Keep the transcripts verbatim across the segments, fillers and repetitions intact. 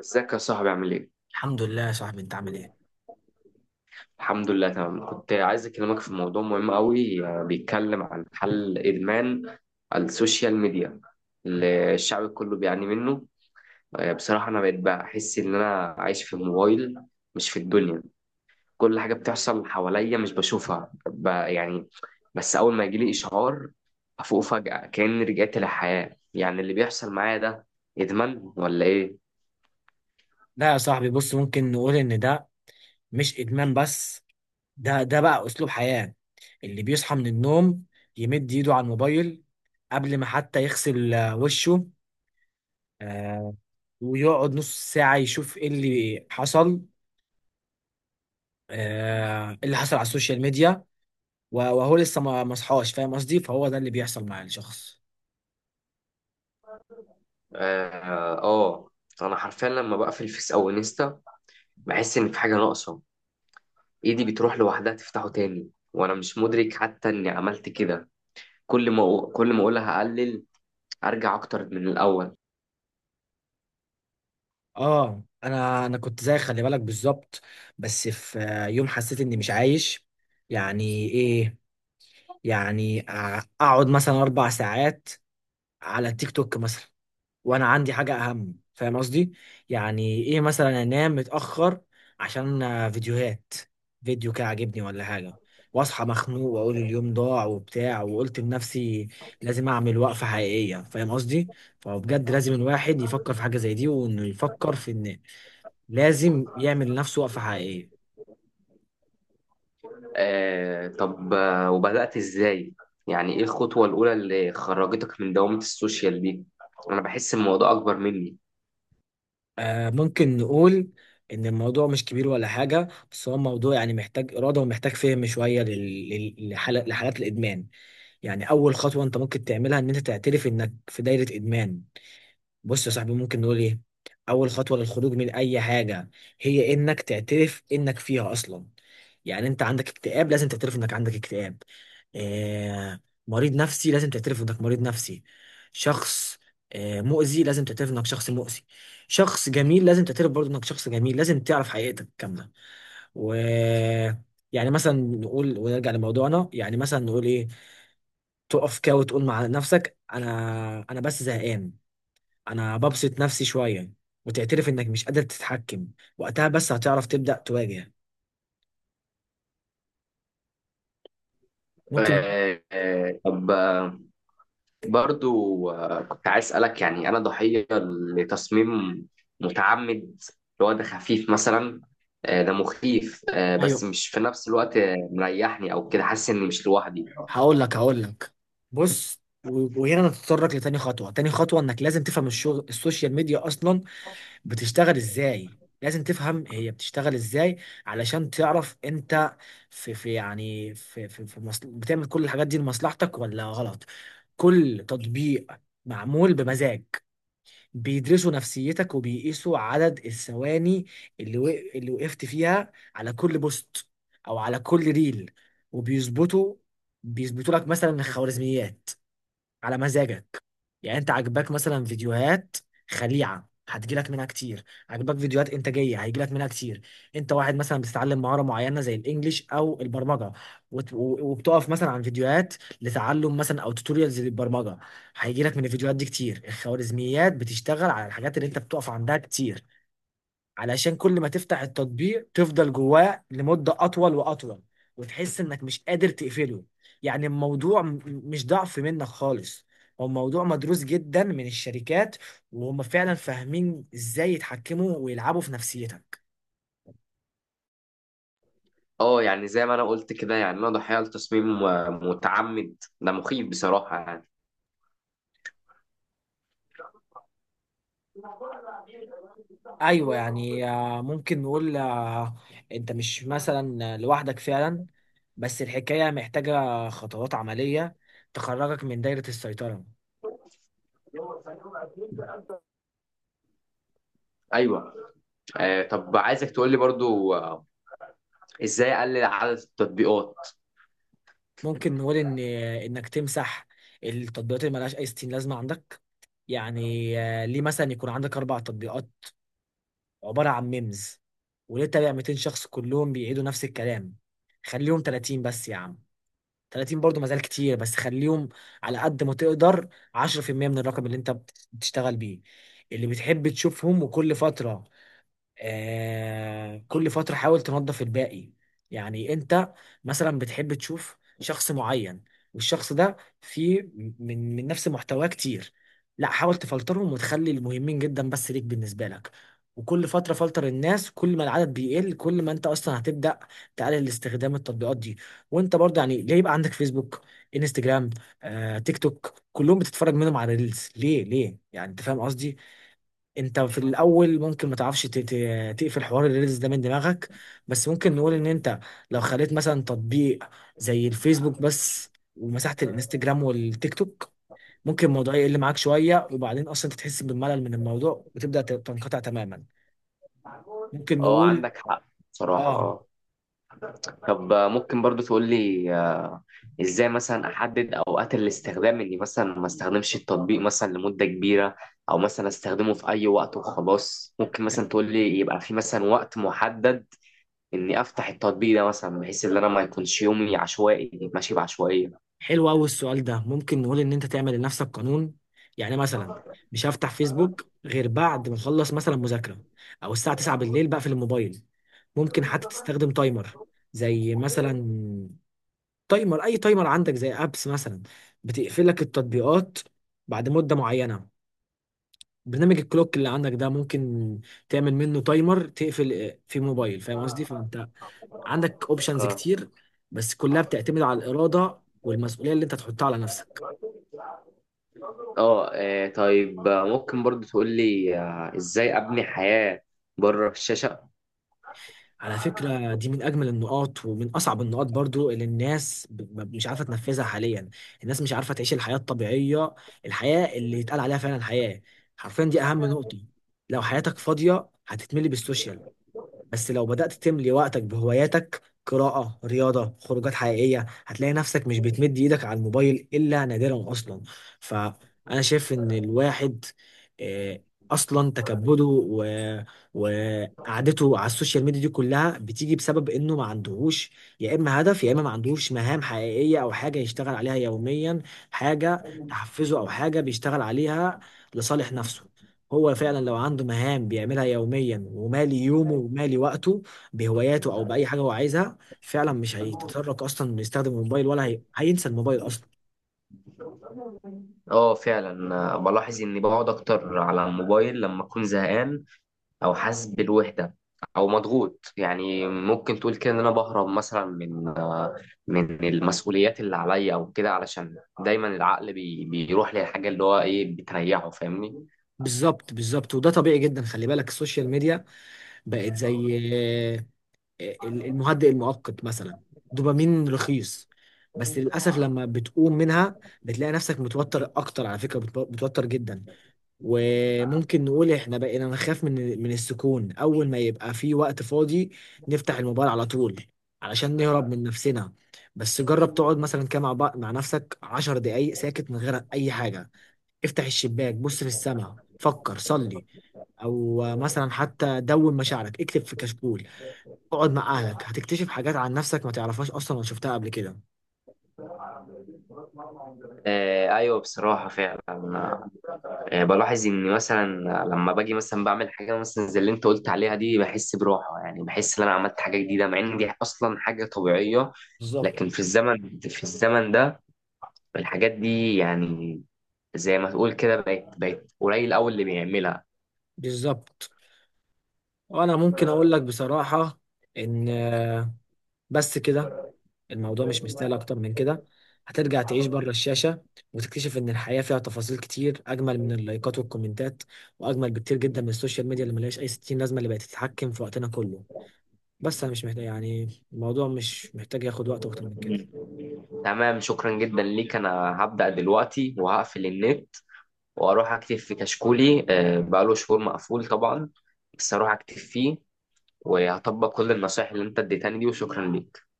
ازيك يا صاحبي عامل ايه؟ الحمد لله يا صاحبي، انت عامل ايه؟ الحمد لله تمام. كنت عايز اكلمك في موضوع مهم قوي، آه، بيتكلم عن حل ادمان السوشيال ميديا اللي الشعب كله بيعاني منه. آه، بصراحة انا بقيت بحس ان انا عايش في الموبايل، مش في الدنيا. كل حاجة بتحصل حواليا مش بشوفها، ب- يعني بس اول ما يجيلي اشعار افوق فجأة كأني رجعت للحياة. يعني اللي بيحصل معايا ده ادمان ولا ايه؟ لا يا صاحبي، بص، ممكن نقول ان ده مش ادمان بس. ده ده بقى اسلوب حياة. اللي بيصحى من النوم يمد ايده على الموبايل قبل ما حتى يغسل آه، وشه. آه، ويقعد نص ساعة يشوف ايه اللي حصل. آه، ايه اللي حصل على السوشيال ميديا. و- وهو لسه ما ما صحاش، فاهم قصدي؟ فهو ده اللي بيحصل مع الشخص. اه، آه، انا حرفيا لما بقفل فيس او انستا بحس إن في حاجة ناقصة. إيدي بتروح لوحدها تفتحه تاني وأنا مش مدرك حتى إني عملت كده. كل ما كل ما أقولها أقلل، أرجع أكتر من الأول. اه انا انا كنت زي خلي بالك بالظبط. بس في آه، يوم حسيت اني مش عايش. يعني ايه؟ يعني أع- اقعد مثلا اربع ساعات على التيك توك مثلا، وانا عندي حاجه اهم، فاهم قصدي؟ يعني ايه؟ مثلا انام متاخر عشان آه، فيديوهات، فيديو كده عاجبني ولا حاجه، واصحى مخنوق واقول اليوم ضاع وبتاع. وقلت لنفسي لازم اعمل وقفه حقيقيه، فاهم قصدي؟ فبجد لازم الواحد يفكر في حاجه زي دي، وانه يفكر في ان لازم يعمل لنفسه وقفه حقيقيه. آه طب، آه، وبدأت إزاي؟ يعني إيه الخطوة الأولى اللي خرجتك من دوامة السوشيال دي؟ أنا بحس الموضوع أكبر مني. آه، ممكن نقول إن الموضوع مش كبير ولا حاجة، بس هو موضوع يعني محتاج إرادة ومحتاج فهم شوية لل- لل- لحالة- لحالات الإدمان. يعني أول خطوة أنت ممكن تعملها إن أنت تعترف إنك في دايرة إدمان. بص يا صاحبي، ممكن نقول ايه؟ اول خطوه للخروج من اي حاجه هي انك تعترف انك فيها اصلا. يعني انت عندك اكتئاب، لازم تعترف انك عندك اكتئاب. آه مريض نفسي، لازم تعترف انك مريض نفسي. شخص آه مؤذي، لازم تعترف انك شخص مؤذي. شخص جميل لازم تعترف برضه انك شخص جميل. لازم تعرف حقيقتك كامله. و يعني مثلا نقول، ونرجع لموضوعنا، يعني مثلا نقول ايه؟ تقف كده وتقول مع نفسك انا انا بس زهقان، انا ببسط نفسي شويه، وتعترف انك مش قادر تتحكم. وقتها بس هتعرف تبدا تواجه. ممكن. آه آه، طب، آه، برضو آه، كنت عايز أسألك، يعني أنا ضحية لتصميم متعمد اللي هو ده خفيف مثلا. آه، ده مخيف، آه، بس ايوه، مش في نفس الوقت، آه، مريحني أو كده حاسس إني مش لوحدي. هقول لك هقول لك بص، و- وهنا نتطرق لتاني خطوه. تاني خطوه انك لازم تفهم الشغل. السوشيال ميديا اصلا بتشتغل ازاي، لازم تفهم هي بتشتغل ازاي علشان تعرف انت في في يعني في في, في مصل... بتعمل كل الحاجات دي لمصلحتك ولا غلط. كل تطبيق معمول بمزاج، بيدرسوا نفسيتك وبيقيسوا عدد الثواني اللي وق... اللي وقفت فيها على كل بوست او على كل ريل، وبيظبطوا بيظبطوا لك مثلا الخوارزميات على مزاجك. يعني انت عاجباك مثلا فيديوهات خليعه، هتجيلك منها كتير. عاجباك فيديوهات انتاجيه، هيجيلك منها كتير. انت واحد مثلا بتتعلم مهاره معينه زي الانجليش او البرمجه، وت- و- وبتقف مثلا عن فيديوهات لتعلم مثلا او توتوريالز للبرمجه، هيجيلك من الفيديوهات دي كتير. الخوارزميات بتشتغل على الحاجات اللي انت بتقف عندها كتير، علشان كل ما تفتح التطبيق تفضل جواه لمدة أطول وأطول، وتحس إنك مش قادر تقفله. يعني الموضوع م- مش ضعف منك خالص، هو موضوع مدروس جدا من الشركات، وهم فعلا فاهمين إزاي يتحكموا ويلعبوا في نفسيتك. اه، يعني زي ما أنا قلت كده، يعني أنا ضحية لتصميم آه، متعمد. ده مخيف بصراحة يعني. أيوة، يعني آه، ممكن نقول، آه، أنت مش مثلا لوحدك فعلا. بس الحكاية محتاجة خطوات عملية تخرجك من دايرة السيطرة. أيوه، آه، طب عايزك تقول لي برضو، آه، إزاي أقلل عدد التطبيقات؟ ممكن نقول ان انك تمسح التطبيقات اللي ملهاش اي ستين لازمه عندك. يعني آه، ليه مثلا يكون عندك اربع تطبيقات عباره عن ميمز؟ وليه تابع ميتين شخص كلهم بيعيدوا نفس الكلام؟ خليهم تلاتين بس يا عم. تلاتين برضو مازال كتير، بس خليهم على قد ما تقدر عشرة في المية من الرقم اللي انت بت- بتشتغل بيه، اللي بتحب تشوفهم. وكل فتره، آه كل فترة حاول تنظف الباقي. يعني انت مثلا بتحب تشوف شخص معين، والشخص ده فيه من من نفس محتواه كتير، لا حاول تفلترهم وتخلي المهمين جدا بس ليك، بالنسبة لك. وكل فترة فلتر الناس. كل ما العدد بيقل، كل ما انت اصلا هتبدأ تقلل استخدام التطبيقات دي. وانت برضه، يعني ليه يبقى عندك فيسبوك، انستجرام، آه، تيك توك؟ كلهم بتتفرج منهم على ريلز، ليه؟ ليه يعني، انت فاهم قصدي؟ انت في الاول ممكن ما تعرفش ت- ت- تقفل حوار الريلز ده من دماغك. بس ممكن نقول ان انت لو خليت مثلا تطبيق زي الفيسبوك بس، ومسحت الانستجرام والتيك توك، ممكن الموضوع يقل معاك شوية، وبعدين اصلا انت تحس بالملل من الموضوع وتبدأ ت- تنقطع تماما. ممكن اه، نقول. عندك حق بصراحة. اه اه، طب، آه، ممكن برضو تقول لي، آه، ازاي مثلا احدد اوقات الاستخدام؟ اني مثلا ما استخدمش التطبيق مثلا لمدة كبيرة، او مثلا استخدمه في اي وقت وخلاص. ممكن مثلا تقول لي يبقى في مثلا وقت محدد اني افتح التطبيق ده، مثلا بحيث ان انا ما يكونش يومي عشوائي ماشي بعشوائية. حلو قوي السؤال ده. ممكن نقول ان انت تعمل لنفسك قانون. يعني مثلا مش هفتح فيسبوك غير بعد ما اخلص مثلا مذاكرة، او الساعة تسعة بالليل بقفل الموبايل. ممكن حتى تستخدم تايمر، زي مثلا تايمر، اي تايمر عندك زي ابس مثلا بتقفل لك التطبيقات بعد مدة معينة. برنامج الكلوك اللي عندك ده ممكن تعمل منه تايمر تقفل في موبايل، فاهم قصدي؟ فانت عندك اوبشنز اه كتير. بس كلها بتعتمد على الإرادة والمسؤولية اللي انت تحطها على نفسك. اه، آه، طيب، آه، ممكن برضو تقول لي، آه، ازاي ابني حياة بره الشاشة؟ على فكرة، دي من أجمل النقاط ومن أصعب النقاط برضو، اللي الناس ب- ب- مش عارفة تنفذها حاليا. الناس مش عارفة تعيش الحياة الطبيعية، الحياة اللي يتقال عليها فعلا حياة. حرفيا دي أهم نقطة. لو حياتك فاضية هتتملي بالسوشيال، بس لو بدأت تملي وقتك بهواياتك، قراءة، رياضة، خروجات حقيقية، هتلاقي نفسك مش بتمد ايدك على الموبايل إلا نادرا أصلا. فأنا شايف إن الواحد، آه، أصلا تكبده و... وقعدته على السوشيال ميديا دي كلها بتيجي بسبب إنه ما عندهوش، يا إما هدف، يا إما ما عندهوش مهام حقيقية أو حاجة يشتغل عليها يوميا. حاجة تحفزه، أو حاجة بيشتغل عليها لصالح نفسه. هو فعلا لو عنده مهام بيعملها يوميا، ومالي يومه ومالي وقته بهواياته او باي حاجه هو عايزها فعلا، مش هيتطرق اصلا انه يستخدم الموبايل، ولا هي... هينسى الموبايل اصلا. اه فعلا، آه، بلاحظ اني بقعد اكتر على الموبايل لما اكون زهقان، او حاسس بالوحده، او مضغوط. يعني ممكن تقول كده ان انا بهرب مثلا من آه، من المسؤوليات اللي عليا او كده، علشان دايما العقل بي بيروح للحاجه اللي هو ايه بتريحه، فاهمني؟ بالظبط، بالظبط، وده طبيعي جدا. خلي بالك السوشيال ميديا بقت زي آه، ال- المهدئ المؤقت مثلا. دوبامين رخيص. بس للاسف لما بتقوم منها بتلاقي نفسك متوتر اكتر، على فكره بتو- بتوتر جدا. وممكن نقول احنا بقينا نخاف من من السكون. اول ما يبقى في وقت فاضي نفتح الموبايل على طول علشان نهرب من نفسنا. بس جرب تقعد مثلا كده مع بع- مع نفسك عشر دقايق ساكت من غير اي حاجة. افتح الشباك، بص للسماء، فكر، صلي، او مثلا حتى دون مشاعرك، اكتب في كشكول، اقعد مع اهلك، هتكتشف حاجات عن نفسك ما تعرفهاش اصلا ولا شفتها قبل كده. آه ايوه بصراحه فعلا. آه، آه، بلاحظ اني مثلا لما باجي مثلا بعمل حاجه مثلا زي اللي انت قلت عليها دي بحس براحه، يعني بحس ان انا عملت حاجه جديده، مع ان دي اصلا حاجه طبيعيه. بالظبط، لكن في الزمن في الزمن ده الحاجات دي، يعني زي ما تقول كده بقت بقت قليل قوي اللي بيعملها. بالظبط. وانا ممكن اقول لك بصراحة ان آه، بس كده، الموضوع مش مستاهل اكتر من كده. هترجع تعيش بره الشاشة، وتكتشف ان الحياة فيها تفاصيل كتير اجمل من اللايكات والكومنتات، واجمل بكتير جدا من السوشيال ميديا اللي ملهاش اي ستين لازمة، اللي بقت تتحكم في وقتنا كله. بس انا مش محتاج، يعني الموضوع مش محتاج ياخد وقت اكتر من كده. مم. تمام، شكرا جدا ليك. انا هبدأ دلوقتي وهقفل النت واروح اكتب في كشكولي، آه، بقاله شهور مقفول طبعا، بس اروح اكتب فيه وهطبق كل النصائح اللي انت اديتني دي. وشكرا ليك.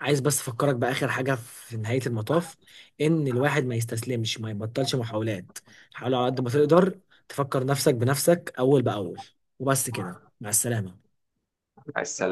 عايز بس افكرك باخر حاجة في نهاية المطاف، ان الواحد ما يستسلمش ما يبطلش محاولات. حاول على قد ما تقدر تفكر نفسك بنفسك اول باول. وبس كده، مع السلامة. مع السلامة.